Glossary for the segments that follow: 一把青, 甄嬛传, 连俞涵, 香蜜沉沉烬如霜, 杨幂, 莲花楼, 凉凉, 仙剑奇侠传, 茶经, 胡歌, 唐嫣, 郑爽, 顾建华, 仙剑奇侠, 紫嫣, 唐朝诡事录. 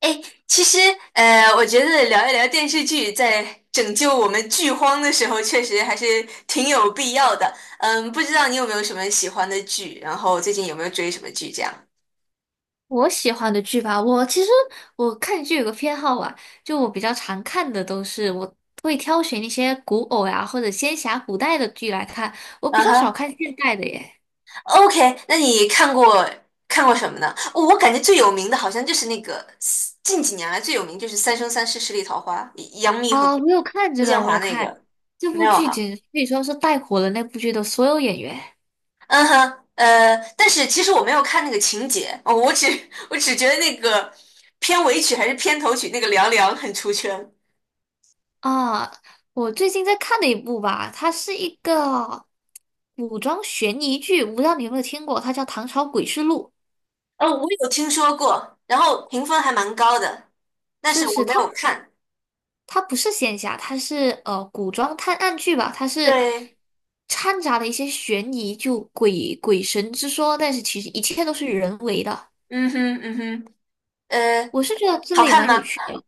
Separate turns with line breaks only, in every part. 哎，其实，我觉得聊一聊电视剧，在拯救我们剧荒的时候，确实还是挺有必要的。嗯，不知道你有没有什么喜欢的剧，然后最近有没有追什么剧这样？
我喜欢的剧吧，我其实看剧有个偏好啊，就我比较常看的都是会挑选一些古偶呀、或者仙侠古代的剧来看，我比
啊
较少
哈
看现代的耶。
，OK，那你看过什么呢？哦我感觉最有名的好像就是那个近几年来最有名就是《三生三世十里桃花》，杨幂和
啊，我有看
顾
这个，
建
我
华
有
那
看
个，
这
没
部
有
剧
哈？
简直可以说是带火了那部剧的所有演员
嗯哼，但是其实我没有看那个情节，哦，我只 我只觉得那个片尾曲还是片头曲那个凉凉很出圈。
啊。我最近在看的一部吧，它是一个古装悬疑剧，我不知道你有没有听过，它叫《唐朝诡事录》。
哦，我有听说过，然后评分还蛮高的，但
是
是我
是，
没有看。
它不是仙侠，它是古装探案剧吧，它是
对，
掺杂了一些悬疑，就鬼鬼神之说，但是其实一切都是人为的。
嗯哼，嗯哼，呃，
我是觉得这
好
类
看
蛮有
吗？
趣的，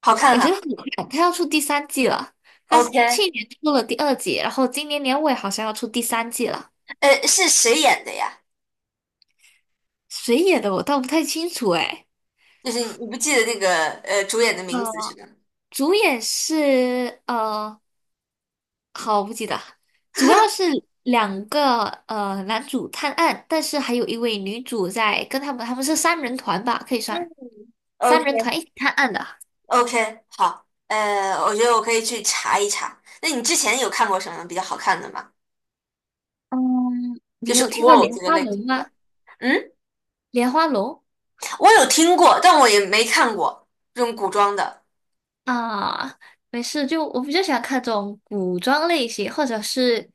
好看
我觉得
哈。
很快，它要出第三季了。它是去
OK，
年出了第二季，然后今年年尾好像要出第三季了。
是谁演的呀？
谁演的我倒不太清楚哎。
就是你不记得那个主演的名字是
呃，
吧？
主演是好，不记得，主要是两个男主探案，但是还有一位女主在跟他们，他们是三人团吧，可以
嗯
算三
OK
人团一起探案的。
OK，好，我觉得我可以去查一查。那你之前有看过什么比较好看的吗？
嗯，你
就
有
是
听
古
过
偶
莲
这个
花
类
楼
型的。
吗？
嗯，
莲花楼
我有听过，但我也没看过这种古装的。
啊，没事，就我比较喜欢看这种古装类型，或者是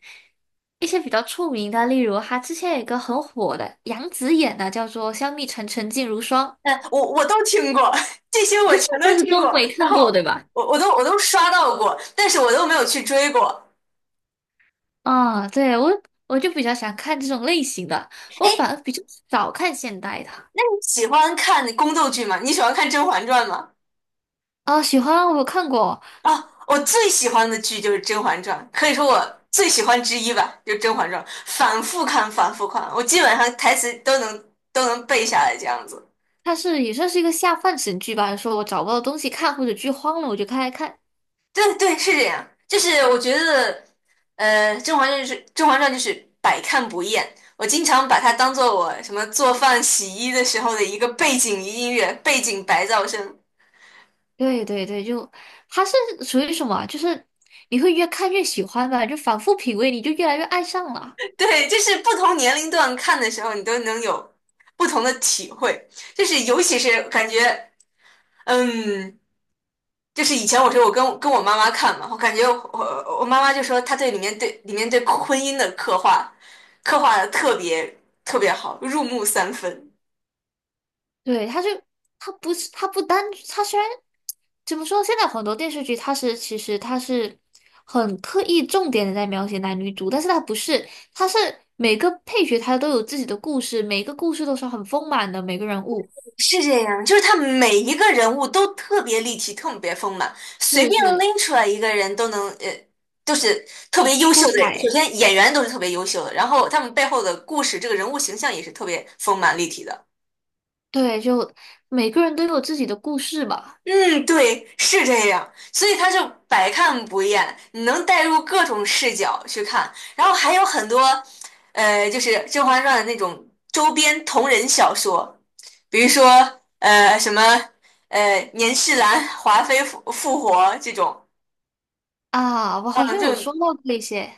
一些比较出名的，例如他之前有一个很火的杨紫演的，叫做《香蜜沉沉烬如霜》，
但我都听过，这些我全都
但是
听
都
过，
没
然
看过，
后
对吧？
我都刷到过，但是我都没有去追过。
啊，对，我就比较喜欢看这种类型的，我
哎，
反而比较少看现代的。
那你喜欢看宫斗剧吗？你喜欢看《甄嬛传》吗？
啊，喜欢我有看过，
啊，我最喜欢的剧就是《甄嬛传》，可以说我最喜欢之一吧，就是《甄嬛传》，反复看，反复看，我基本上台词都能背下来这样子。
它是也算是一个下饭神剧吧。说我找不到东西看或者剧荒了，我就开来看。
对对，是这样。就是我觉得，《甄嬛传》就是百看不厌。我经常把它当做我什么做饭、洗衣的时候的一个背景音乐、背景白噪声。
对对对，就它是属于什么啊就是你会越看越喜欢吧，就反复品味，你就越来越爱上了。
对，就是不同年龄段看的时候，你都能有不同的体会。就是尤其是感觉，嗯，就是以前我说我跟我妈妈看嘛，我感觉我我妈妈就说她对里面对婚姻的刻画的特别特别好，入木三分。
对，他就他不是他不单他虽然怎么说，现在很多电视剧它是很刻意重点的在描写男女主，但是它不是，它是每个配角他都有自己的故事，每个故事都是很丰满的，每个人物
是这样，就是他每一个人物都特别立体，特别丰满，随
是
便
是
拎出来一个人都能，都是特别优
出
秀的人。首
彩，
先演员都是特别优秀的，然后他们背后的故事，这个人物形象也是特别丰满立体的。
对，就每个人都有自己的故事吧。
嗯，对，是这样，所以他就百看不厌，你能带入各种视角去看，然后还有很多，就是《甄嬛传》的那种周边同人小说，比如说什么年世兰、华妃复活这种，
啊，我好
嗯，
像有
这种
说到这一些。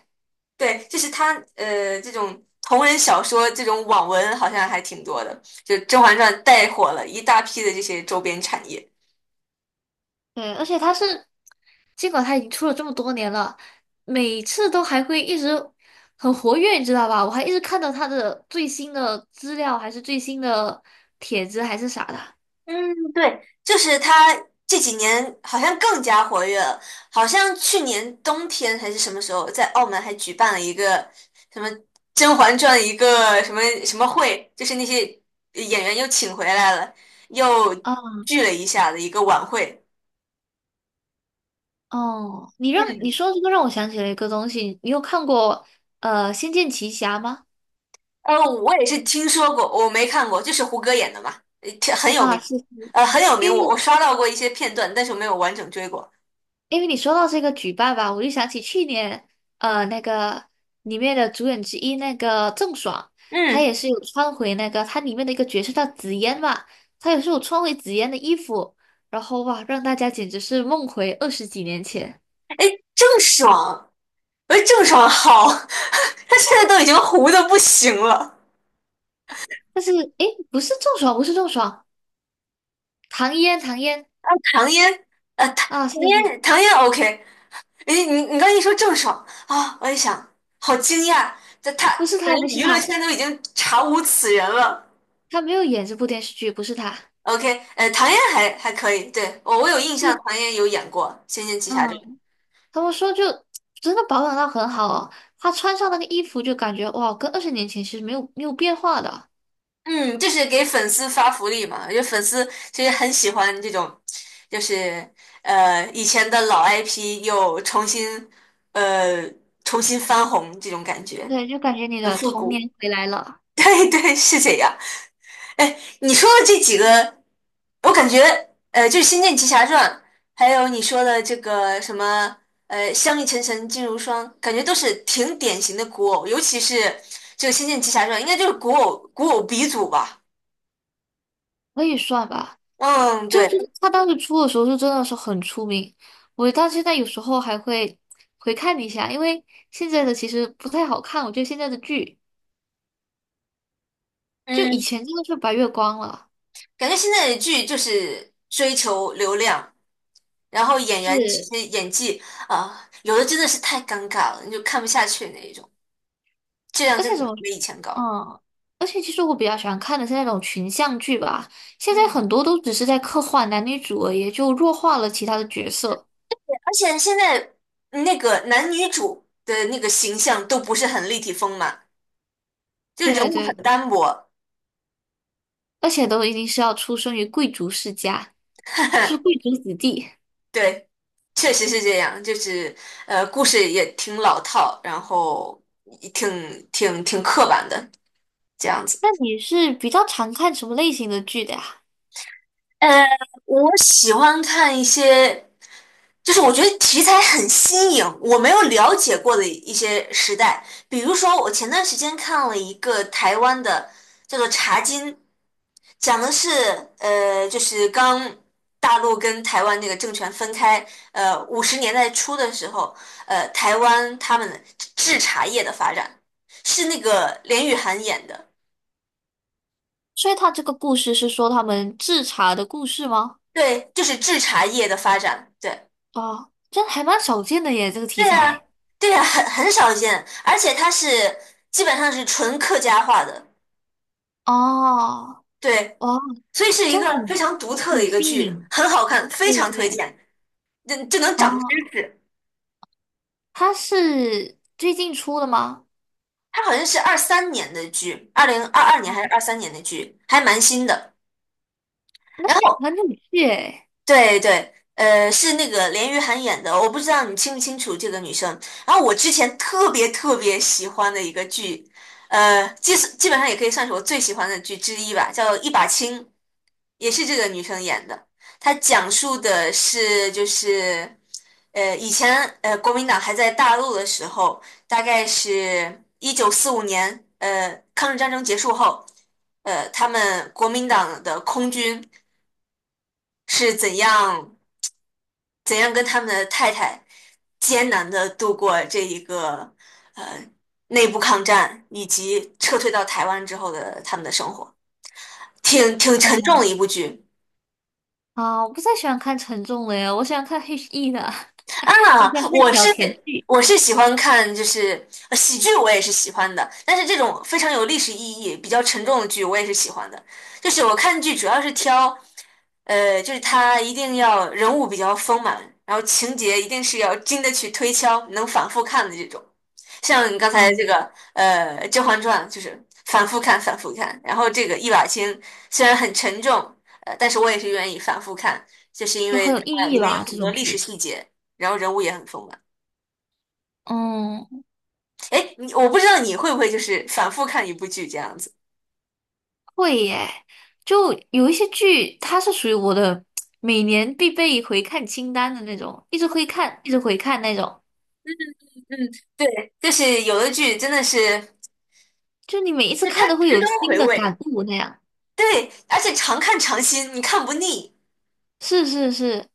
对，就是他这种同人小说这种网文好像还挺多的，就《甄嬛传》带火了一大批的这些周边产业。
对，而且他是，尽管他已经出了这么多年了，每次都还会一直很活跃，你知道吧？我还一直看到他的最新的资料，还是最新的帖子，还是啥的。
嗯，对，就是他这几年好像更加活跃了，好像去年冬天还是什么时候，在澳门还举办了一个什么《甄嬛传》一个什么什么会，就是那些演员又请回来了，又
哦
聚了一下的一个晚会。
哦，你
嗯，
说这个让我想起了一个东西，你有看过《仙剑奇侠》吗？
我也是听说过，我没看过，就是胡歌演的嘛，挺很有
啊，
名，
是是，
很有
因
名，我
为
刷到过一些片段，但是我没有完整追过。
因为你说到这个举办吧，我就想起去年，呃，那个里面的主演之一那个郑爽，她
嗯，
也是有穿回那个她里面的一个角色叫紫嫣嘛，她也是有穿回紫嫣的衣服，然后哇，让大家简直是梦回二十几年前。
哎，郑爽。我郑爽好，她现在都已经糊的不行了。
但是诶，不是郑爽，不是郑爽，唐嫣，唐嫣
唐嫣，唐
啊，
唐
是是，
嫣，唐嫣 OK。你刚一说郑爽啊，我一想，好惊讶，这她
不是
感
她，不
觉
是
娱乐
她，
圈都已经查无此人了。
她没有演这部电视剧，不是她，
OK，唐嫣还可以，对，我有印象，
是
唐嫣有演过《仙剑奇侠传》。
嗯。他们说就真的保养到很好哦，他穿上那个衣服就感觉哇，跟二十年前其实没有变化的，
嗯，就是给粉丝发福利嘛，因为粉丝其实很喜欢这种，就是以前的老 IP 又呃重新翻红这种感觉，
对，就感觉你
很
的
复
童
古。
年回来了，
对对，是这样。哎，你说的这几个，我感觉就是《仙剑奇侠传》，还有你说的这个什么“香蜜沉沉烬如霜"，感觉都是挺典型的古偶，尤其是这个《仙剑奇侠传》，应该就是古偶鼻祖吧。
可以算吧。
嗯，
就是
对。
他当时出的时候，就真的是很出名，我到现在有时候还会回看一下，因为现在的其实不太好看，我觉得现在的剧就以
嗯，
前真的是白月光了，
感觉现在的剧就是追求流量，然后演员
是，
其实演技啊，有的真的是太尴尬了，你就看不下去那一种，质量
而
真
且怎
的
么
没以前高。
嗯，而且其实我比较喜欢看的是那种群像剧吧，现在
嗯，
很多都只是在刻画男女主而已，就弱化了其他的角色。
而且现在那个男女主的那个形象都不是很立体丰满，就人
对
物很
对，
单薄。
而且都一定是要出生于贵族世家，是贵 族子弟。
对，确实是这样，就是故事也挺老套，然后也挺刻板的这样子。
那你是比较常看什么类型的剧的呀？
呃，我喜欢看一些，就是我觉得题材很新颖，我没有了解过的一些时代。比如说，我前段时间看了一个台湾的，叫做《茶经》，讲的是就是刚大陆跟台湾那个政权分开，五十年代初的时候，台湾他们的制茶业的发展，是那个连俞涵演的，
所以他这个故事是说他们制茶的故事吗？
对，就是制茶业的发展。对。
哦，这还蛮少见的耶，这个题
对呀
材。
对呀，很少见，而且它是基本上是纯客家话的，
哦，
对，
哇，
所以是
这
一
样
个非常独特的
很
一个
新
剧，
颖。
很好看，非
对
常推
对。
荐，这就能长知
哦，
识。
它是最近出的吗？
它好像是二三年的剧，2022年还是二三年的剧，还蛮新的。然后，
很有趣诶。
对对，是那个连俞涵演的，我不知道你清不清楚这个女生。然后我之前特别特别喜欢的一个剧，基本上也可以算是我最喜欢的剧之一吧，叫《一把青》。也是这个女生演的。她讲述的是就是，以前国民党还在大陆的时候，大概是1945年，抗日战争结束后，他们国民党的空军是怎样跟他们的太太艰难的度过这一个呃内部抗战，以及撤退到台湾之后的他们的生活，挺沉重
哦，
的一部剧。
啊，我不太喜欢看沉重的耶，我喜欢看 HE 的，我
啊，
喜欢看
我
小
是
甜剧，
我是喜欢看，就是喜剧，我也是喜欢的。但是这种非常有历史意义、比较沉重的剧，我也是喜欢的。就是我看剧主要是挑，就是它一定要人物比较丰满，然后情节一定是要经得起推敲，能反复看的这种。像你刚才这
嗯
个，《甄嬛传》就是反复看、反复看。然后这个一把青虽然很沉重，但是我也是愿意反复看，就是因
就
为
很有意
它里
义
面有
吧，
很
这
多
种
历史
剧。
细节。然后人物也很丰满。
嗯，
哎，我不知道你会不会就是反复看一部剧这样子。
会耶，就有一些剧，它是属于我的每年必备回看清单的那种，一直回看，一直回看那种，
嗯，对，就是有的剧真的是，
就你每一次
那它
看都会
值
有
得
新
回
的感
味。
悟那样。
对，而且常看常新，你看不腻。
是是是，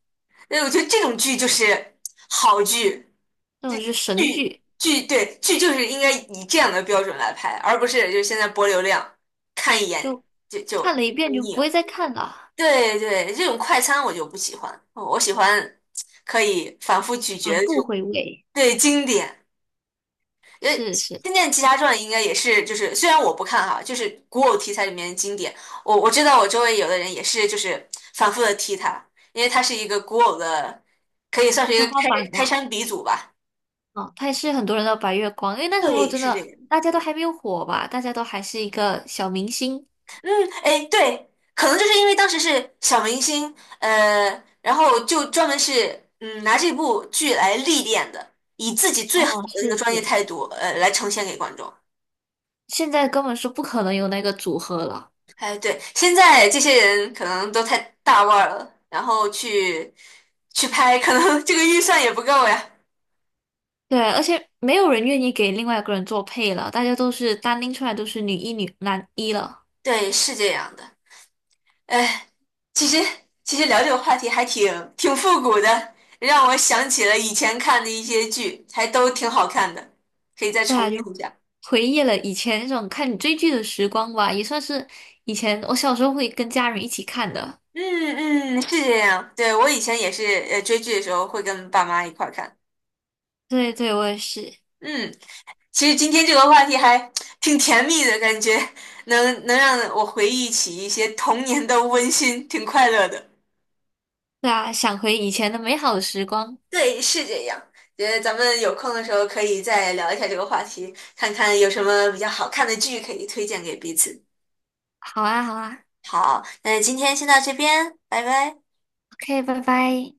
对，我觉得这种剧就是好剧，
那
这
种就是神
剧
剧，
剧对剧就是应该以这样的标准来拍，而不是就是现在博流量，看一眼
就
就
看
就
了一遍就
腻
不
了。
会再看了，
对对，这种快餐我就不喜欢，我喜欢可以反复咀嚼
反
的这
复
种
回味。
对经典。呃，
是是，
《仙剑奇侠传》应该也是，就是虽然我不看哈，就是古偶题材里面的经典。我知道我周围有的人也是，就是反复的提它，因为它是一个古偶的，可以算是一个
天花
开
板
开
吧。
山鼻祖吧。
哦，他也是很多人的白月光，因为那时候
对，
真
是这
的
样。
大家都还没有火吧，大家都还是一个小明星。
嗯，哎，对，可能就是因为当时是小明星，呃，然后就专门是拿这部剧来历练的，以自己最好
哦，
的那个
是
专业
是，
态度，来呈现给观众。
现在根本是不可能有那个组合了。
哎，对，现在这些人可能都太大腕儿了，然后去拍，可能这个预算也不够呀。
对，而且没有人愿意给另外一个人做配了，大家都是单拎出来都是女一、女男一了。
对，是这样的。哎，其实其实聊这个话题还挺复古的，让我想起了以前看的一些剧，还都挺好看的，可以再
对
重
啊，就
温一下。
回忆了以前那种看你追剧的时光吧，也算是以前我小时候会跟家人一起看的。
嗯嗯，是这样。对，我以前也是，追剧的时候会跟爸妈一块儿看。
对对，我也是。
嗯，其实今天这个话题还 挺甜蜜的感觉，能让我回忆起一些童年的温馨，挺快乐的。
对啊，想回以前的美好时光。
对，是这样。觉得咱们有空的时候可以再聊一下这个话题，看看有什么比较好看的剧可以推荐给彼此。
好啊，好啊
好，那今天先到这边，拜拜。
，OK,拜拜。